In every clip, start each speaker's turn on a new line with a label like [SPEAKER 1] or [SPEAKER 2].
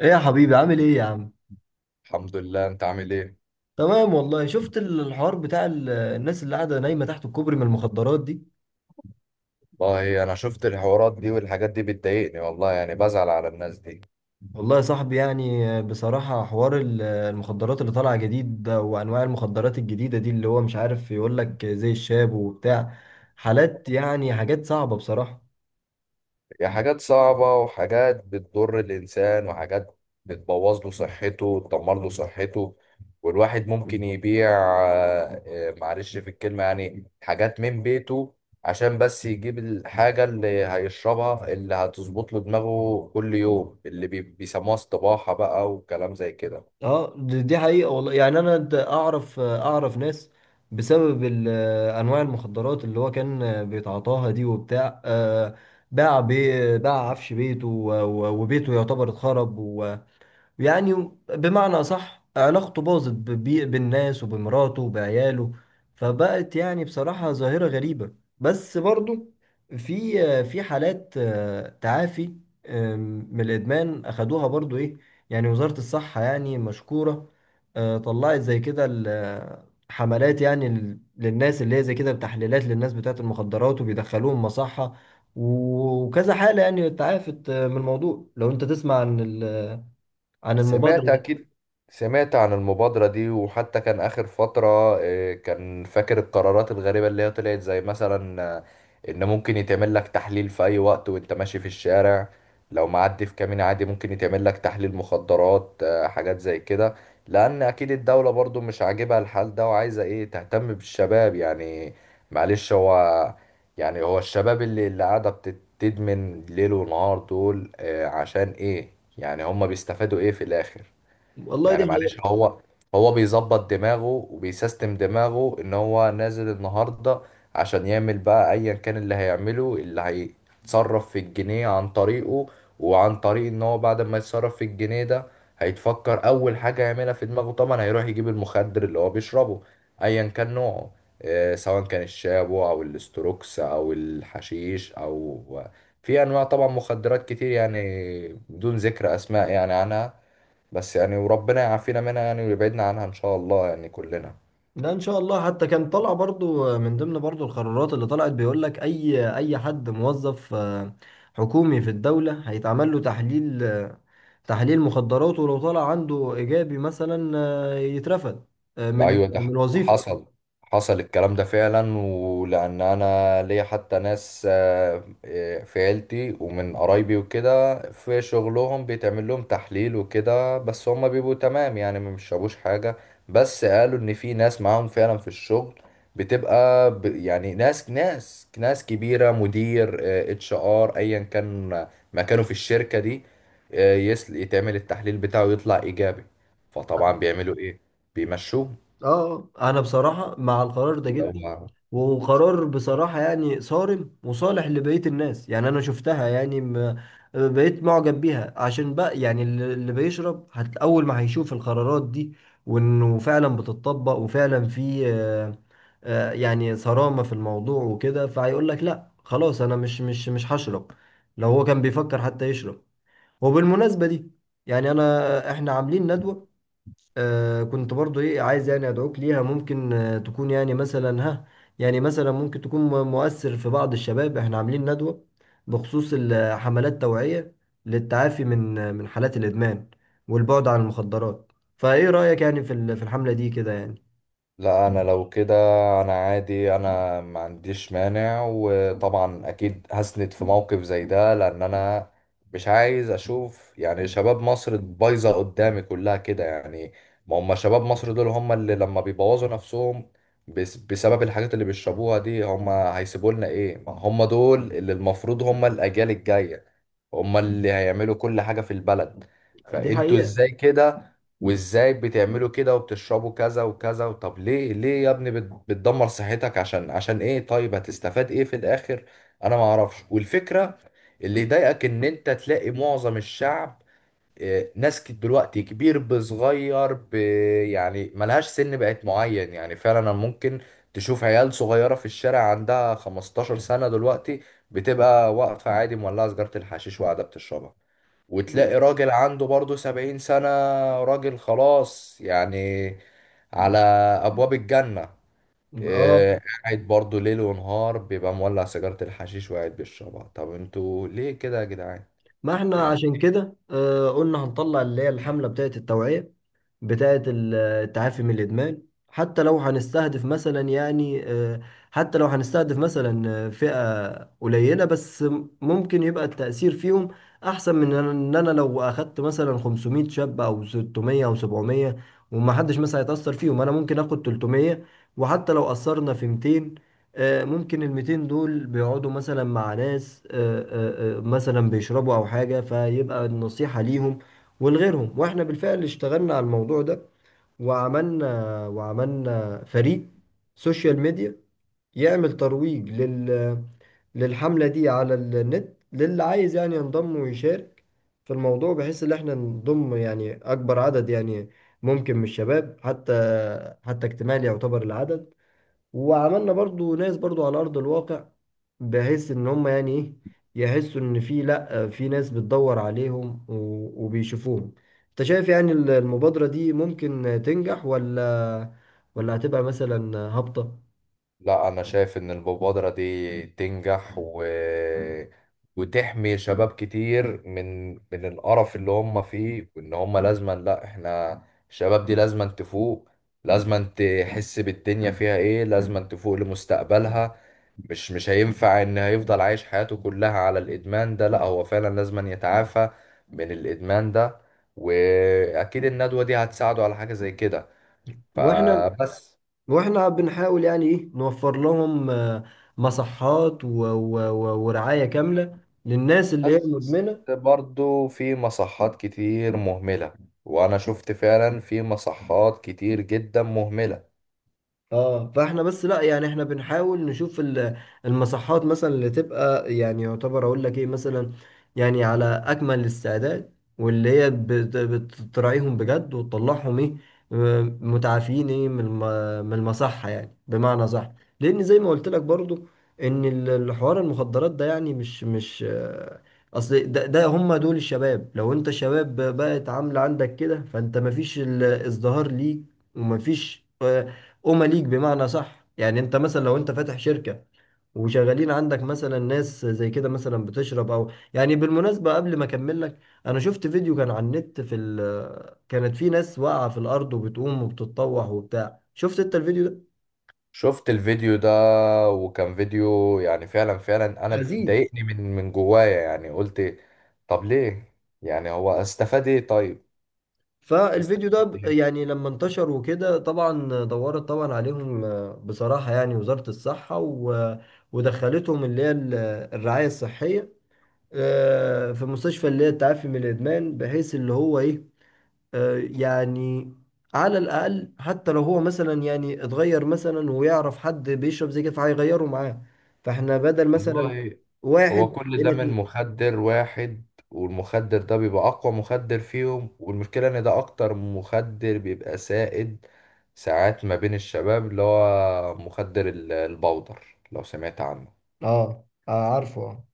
[SPEAKER 1] ايه يا حبيبي، عامل ايه يا عم؟
[SPEAKER 2] الحمد لله، انت عامل ايه؟
[SPEAKER 1] تمام والله. شفت الحوار بتاع الناس اللي قاعده نايمه تحت الكوبري من المخدرات دي.
[SPEAKER 2] والله انا شفت الحوارات دي والحاجات دي بتضايقني، والله يعني بزعل على الناس دي.
[SPEAKER 1] والله يا صاحبي، يعني بصراحه حوار المخدرات اللي طالعه جديد ده، وانواع المخدرات الجديده دي، اللي هو مش عارف يقول لك زي الشاب وبتاع. حالات يعني حاجات صعبه بصراحه.
[SPEAKER 2] هي حاجات صعبة وحاجات بتضر الانسان وحاجات بتبوظ له صحته وتدمر له صحته. والواحد ممكن يبيع معلش في الكلمة، يعني حاجات من بيته عشان بس يجيب الحاجة اللي هيشربها اللي هتظبط له دماغه كل يوم، اللي بيسموها استباحة بقى وكلام زي كده.
[SPEAKER 1] اه، دي حقيقة والله. يعني انا اعرف ناس بسبب انواع المخدرات اللي هو كان بيتعاطاها دي وبتاع. باع عفش بيته وبيته يعتبر اتخرب. يعني بمعنى صح، علاقته باظت بالناس وبمراته وبعياله. فبقت يعني بصراحة ظاهرة غريبة. بس برضو في حالات تعافي من الإدمان أخدوها برضو، إيه. يعني وزارة الصحة يعني مشكورة. طلعت زي كده حملات يعني للناس اللي هي زي كده، بتحليلات للناس بتاعة المخدرات وبيدخلوهم مصحة. وكذا حالة يعني تعافت من الموضوع. لو أنت تسمع عن عن المبادرة
[SPEAKER 2] سمعت
[SPEAKER 1] دي.
[SPEAKER 2] أكيد، سمعت عن المبادرة دي. وحتى كان آخر فترة، كان فاكر القرارات الغريبة اللي هي طلعت زي مثلا، إن ممكن يتعمل لك تحليل في أي وقت وأنت ماشي في الشارع. لو معدي في كمين عادي ممكن يتعمل لك تحليل مخدرات، حاجات زي كده. لأن أكيد الدولة برضو مش عاجبها الحال ده وعايزة إيه، تهتم بالشباب يعني. معلش هو، يعني هو الشباب اللي قاعدة تدمن ليل ونهار دول، عشان ايه؟ يعني هما بيستفادوا ايه في الاخر؟
[SPEAKER 1] والله دي
[SPEAKER 2] يعني معلش
[SPEAKER 1] حقيقة.
[SPEAKER 2] هو، هو بيظبط دماغه وبيسيستم دماغه ان هو نازل النهارده عشان يعمل بقى ايا كان اللي هيعمله، اللي هيتصرف في الجنيه عن طريقه. وعن طريق ان هو بعد ما يتصرف في الجنيه ده، هيتفكر اول حاجة يعملها في دماغه طبعا هيروح يجيب المخدر اللي هو بيشربه ايا كان نوعه، سواء كان الشابو او الاستروكس او الحشيش او في انواع طبعا مخدرات كتير، يعني بدون ذكر اسماء يعني عنها. بس يعني وربنا يعافينا منها يعني ويبعدنا عنها ان شاء الله يعني كلنا.
[SPEAKER 1] لا، ان شاء الله. حتى كان طالع برضو من ضمن برضو القرارات اللي طلعت، بيقول لك اي حد موظف حكومي في الدولة هيتعمل له تحليل، تحليل مخدرات، ولو طلع عنده ايجابي مثلا يترفد من
[SPEAKER 2] ايوه ده
[SPEAKER 1] من وظيفة.
[SPEAKER 2] حصل، حصل الكلام ده فعلا. ولان انا ليا حتى ناس، في عيلتي ومن قرايبي وكده، في شغلهم بيتعمل لهم تحليل وكده، بس هم بيبقوا تمام يعني، ما بيشربوش حاجه. بس قالوا ان في ناس معاهم فعلا في الشغل بتبقى ب يعني ناس كبيره، مدير اتش ار ايا كان مكانه في الشركه دي، يتعمل التحليل بتاعه يطلع ايجابي، فطبعا بيعملوا ايه؟ بيمشوه.
[SPEAKER 1] اه، انا بصراحة مع القرار ده
[SPEAKER 2] اللي
[SPEAKER 1] جدا.
[SPEAKER 2] هو،
[SPEAKER 1] وقرار بصراحة يعني صارم وصالح لبقية الناس. يعني انا شفتها يعني، بقيت معجب بيها، عشان بقى يعني اللي بيشرب اول ما هيشوف القرارات دي، وانه فعلا بتطبق وفعلا في يعني صرامة في الموضوع وكده، فهيقول لك لا، خلاص، انا مش هشرب، لو هو كان بيفكر حتى يشرب. وبالمناسبة دي، يعني انا احنا عاملين ندوة. آه، كنت برضو ايه عايز يعني ادعوك ليها. ممكن آه تكون يعني مثلا، ها، يعني مثلا ممكن تكون مؤثر في بعض الشباب. احنا عاملين ندوة بخصوص حملات توعية للتعافي من حالات الادمان والبعد عن المخدرات. فايه رأيك، يعني في في الحملة دي كده يعني؟
[SPEAKER 2] لا انا لو كده، انا عادي انا ما عنديش مانع، وطبعا اكيد هسند في موقف زي ده لان انا مش عايز اشوف يعني شباب مصر بايظه قدامي كلها كده يعني. ما هم شباب مصر دول هم اللي لما بيبوظوا نفسهم بس بسبب الحاجات اللي بيشربوها دي، هم هيسيبوا لنا ايه؟ ما هم دول اللي المفروض هم الاجيال الجايه، هم اللي هيعملوا كل حاجه في البلد،
[SPEAKER 1] دي
[SPEAKER 2] فانتوا
[SPEAKER 1] حقيقة.
[SPEAKER 2] ازاي كده؟ وازاي بتعملوا كده وبتشربوا كذا وكذا؟ طب ليه ليه يا ابني بتدمر صحتك؟ عشان عشان ايه؟ طيب هتستفاد ايه في الاخر؟ انا ما اعرفش. والفكرة اللي يضايقك ان انت تلاقي معظم الشعب، ناس دلوقتي كبير بصغير يعني ملهاش سن بقت معين يعني. فعلا ممكن تشوف عيال صغيرة في الشارع عندها 15 سنة دلوقتي بتبقى واقفة عادي مولعة سجارة الحشيش وقاعدة بتشربها.
[SPEAKER 1] لا.
[SPEAKER 2] وتلاقي راجل عنده برضه سبعين سنة، راجل خلاص يعني، على أبواب الجنة،
[SPEAKER 1] اه،
[SPEAKER 2] إيه، قاعد برضه ليل ونهار بيبقى مولع سيجارة الحشيش وقاعد بيشربها. طب انتوا ليه كده يا جدعان؟
[SPEAKER 1] ما احنا
[SPEAKER 2] يعني
[SPEAKER 1] عشان كده آه قلنا هنطلع اللي هي الحملة بتاعت التوعية بتاعة التعافي من الإدمان. حتى لو هنستهدف مثلا يعني آه، حتى لو هنستهدف مثلا آه، فئة قليلة بس، ممكن يبقى التأثير فيهم أحسن من إن أنا لو أخدت مثلا 500 شاب أو 600 أو 700، وما حدش مثلا يتأثر فيهم. أنا ممكن آخد 300، وحتى لو أثرنا في 200، ممكن ال 200 دول بيقعدوا مثلا مع ناس مثلا بيشربوا أو حاجة، فيبقى النصيحة ليهم ولغيرهم. واحنا بالفعل اشتغلنا على الموضوع ده، وعملنا وعملنا فريق سوشيال ميديا يعمل ترويج للحملة دي على النت، للي عايز يعني ينضم ويشارك في الموضوع، بحيث ان احنا نضم يعني اكبر عدد يعني ممكن من الشباب، حتى اكتمال يعتبر العدد. وعملنا برضو ناس برضو على ارض الواقع، بحيث ان هم يعني ايه يحسوا ان في لا في ناس بتدور عليهم وبيشوفوهم. انت شايف يعني المبادرة دي ممكن تنجح ولا هتبقى مثلا هابطة؟
[SPEAKER 2] لا، انا شايف ان المبادرة دي تنجح وتحمي شباب كتير من من القرف اللي هم فيه. وان هم لازما، لا احنا الشباب دي لازما تفوق، لازما تحس بالدنيا فيها ايه، لازما تفوق لمستقبلها. مش هينفع ان هيفضل عايش حياته كلها على الادمان ده، لا هو فعلا لازما يتعافى من الادمان ده. واكيد الندوة دي هتساعده على حاجة زي كده
[SPEAKER 1] واحنا
[SPEAKER 2] فبس.
[SPEAKER 1] واحنا بنحاول يعني ايه نوفر لهم مصحات ورعاية كاملة للناس اللي هي
[SPEAKER 2] بس
[SPEAKER 1] مدمنة.
[SPEAKER 2] برضو في مصحات كتير مهملة، وأنا شفت فعلا في مصحات كتير جدا مهملة.
[SPEAKER 1] اه، فاحنا بس لا، يعني احنا بنحاول نشوف المساحات مثلا اللي تبقى يعني يعتبر اقول لك ايه، مثلا يعني على اكمل الاستعداد، واللي هي بتراعيهم بجد وتطلعهم ايه متعافين، ايه، من من المصحة، يعني بمعنى صح. لان زي ما قلت لك برضو ان الحوار المخدرات ده يعني مش اصل ده هم دول الشباب. لو انت شباب بقت عاملة عندك كده، فانت مفيش الازدهار ليك ومفيش أمة ليك، بمعنى صح. يعني أنت مثلا، لو أنت فاتح شركة وشغالين عندك مثلا ناس زي كده مثلا بتشرب أو، يعني بالمناسبة، قبل ما أكمل لك، أنا شفت فيديو كان على النت، في ال كانت في ناس واقعة في الأرض وبتقوم وبتتطوح وبتاع. شفت أنت الفيديو ده؟
[SPEAKER 2] شفت الفيديو ده، وكان فيديو يعني فعلا فعلا أنا
[SPEAKER 1] حزين.
[SPEAKER 2] ضايقني من من جوايا، يعني قلت طب ليه؟ يعني هو استفاد إيه طيب؟
[SPEAKER 1] فالفيديو ده
[SPEAKER 2] استفاد إيه
[SPEAKER 1] يعني لما انتشر وكده، طبعا دورت طبعا عليهم. بصراحة، يعني وزارة الصحة ودخلتهم اللي هي الرعاية الصحية في مستشفى اللي هي التعافي من الادمان، بحيث اللي هو ايه يعني على الاقل، حتى لو هو مثلا يعني اتغير مثلا ويعرف حد بيشرب زي كده، فهيغيره معاه. فاحنا بدل مثلا
[SPEAKER 2] والله؟ هو
[SPEAKER 1] واحد
[SPEAKER 2] كل ده
[SPEAKER 1] الى
[SPEAKER 2] من
[SPEAKER 1] اتنين.
[SPEAKER 2] مخدر واحد، والمخدر ده بيبقى أقوى مخدر فيهم، والمشكلة إن ده أكتر مخدر بيبقى سائد ساعات ما بين الشباب، اللي هو مخدر البودر لو سمعت عنه.
[SPEAKER 1] اه، عارفه، اه.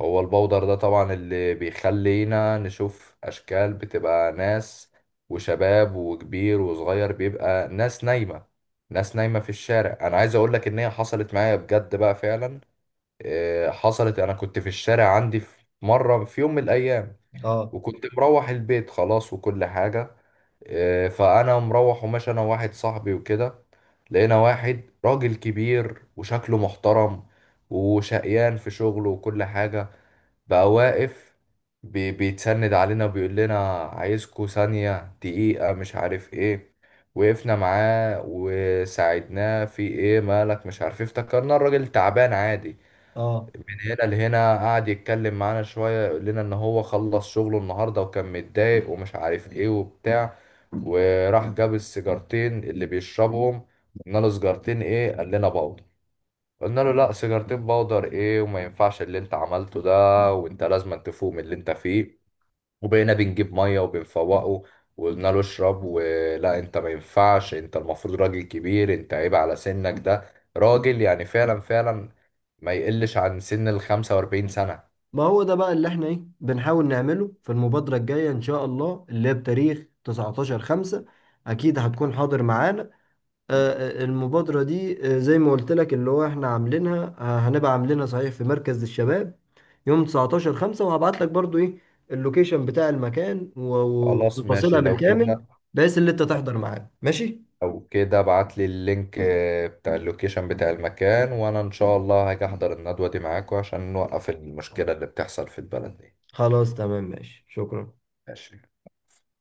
[SPEAKER 2] هو البودر ده طبعا اللي بيخلينا نشوف أشكال، بتبقى ناس وشباب وكبير وصغير، بيبقى ناس نايمة في الشارع. أنا عايز أقولك إن هي حصلت معايا بجد بقى فعلا، حصلت. انا كنت في الشارع عندي في مره في يوم من الايام،
[SPEAKER 1] اه،
[SPEAKER 2] وكنت مروح البيت خلاص وكل حاجه، فانا مروح وماشي انا وواحد صاحبي وكده، لقينا واحد راجل كبير وشكله محترم وشقيان في شغله وكل حاجه، بقى واقف بيتسند علينا بيقول لنا عايزكوا ثانيه دقيقه، مش عارف ايه. وقفنا معاه وساعدناه في ايه، مالك مش عارف إيه. افتكرنا الراجل تعبان عادي.
[SPEAKER 1] اه،
[SPEAKER 2] هنا لهنا قعد يتكلم معانا شوية، يقول لنا إن هو خلص شغله النهاردة وكان متضايق ومش عارف إيه وبتاع. وراح جاب السيجارتين اللي بيشربهم. قلنا له سيجارتين إيه؟ قال لنا باودر. قلنا له لأ، سيجارتين باودر إيه؟ وما ينفعش اللي أنت عملته ده، وأنت لازم تفوق من اللي أنت فيه. وبقينا بنجيب ميه وبنفوقه، وقلنا له اشرب، ولا انت ما ينفعش، انت المفروض راجل كبير، انت عيب على سنك ده. راجل يعني فعلا فعلا ما يقلش عن سن ال 45 سنة.
[SPEAKER 1] ما هو ده بقى اللي احنا ايه بنحاول نعمله في المبادرة الجاية ان شاء الله، اللي هي بتاريخ 19 5. اكيد هتكون حاضر معانا. المبادرة دي زي ما قلت لك، اللي هو احنا عاملينها هنبقى عاملينها صحيح في مركز الشباب يوم 19 5. وهبعت لك برضو ايه اللوكيشن بتاع المكان
[SPEAKER 2] خلاص
[SPEAKER 1] وتفاصيلها
[SPEAKER 2] ماشي لو
[SPEAKER 1] بالكامل،
[SPEAKER 2] كده،
[SPEAKER 1] بحيث اللي انت تحضر معانا. ماشي،
[SPEAKER 2] لو كده ابعت لي اللينك، بتاع اللوكيشن بتاع المكان، وانا ان شاء الله هاجي احضر الندوة دي معاكم عشان نوقف المشكلة اللي بتحصل في البلد دي.
[SPEAKER 1] خلاص. تمام. ماشي، شكرا.
[SPEAKER 2] ماشي.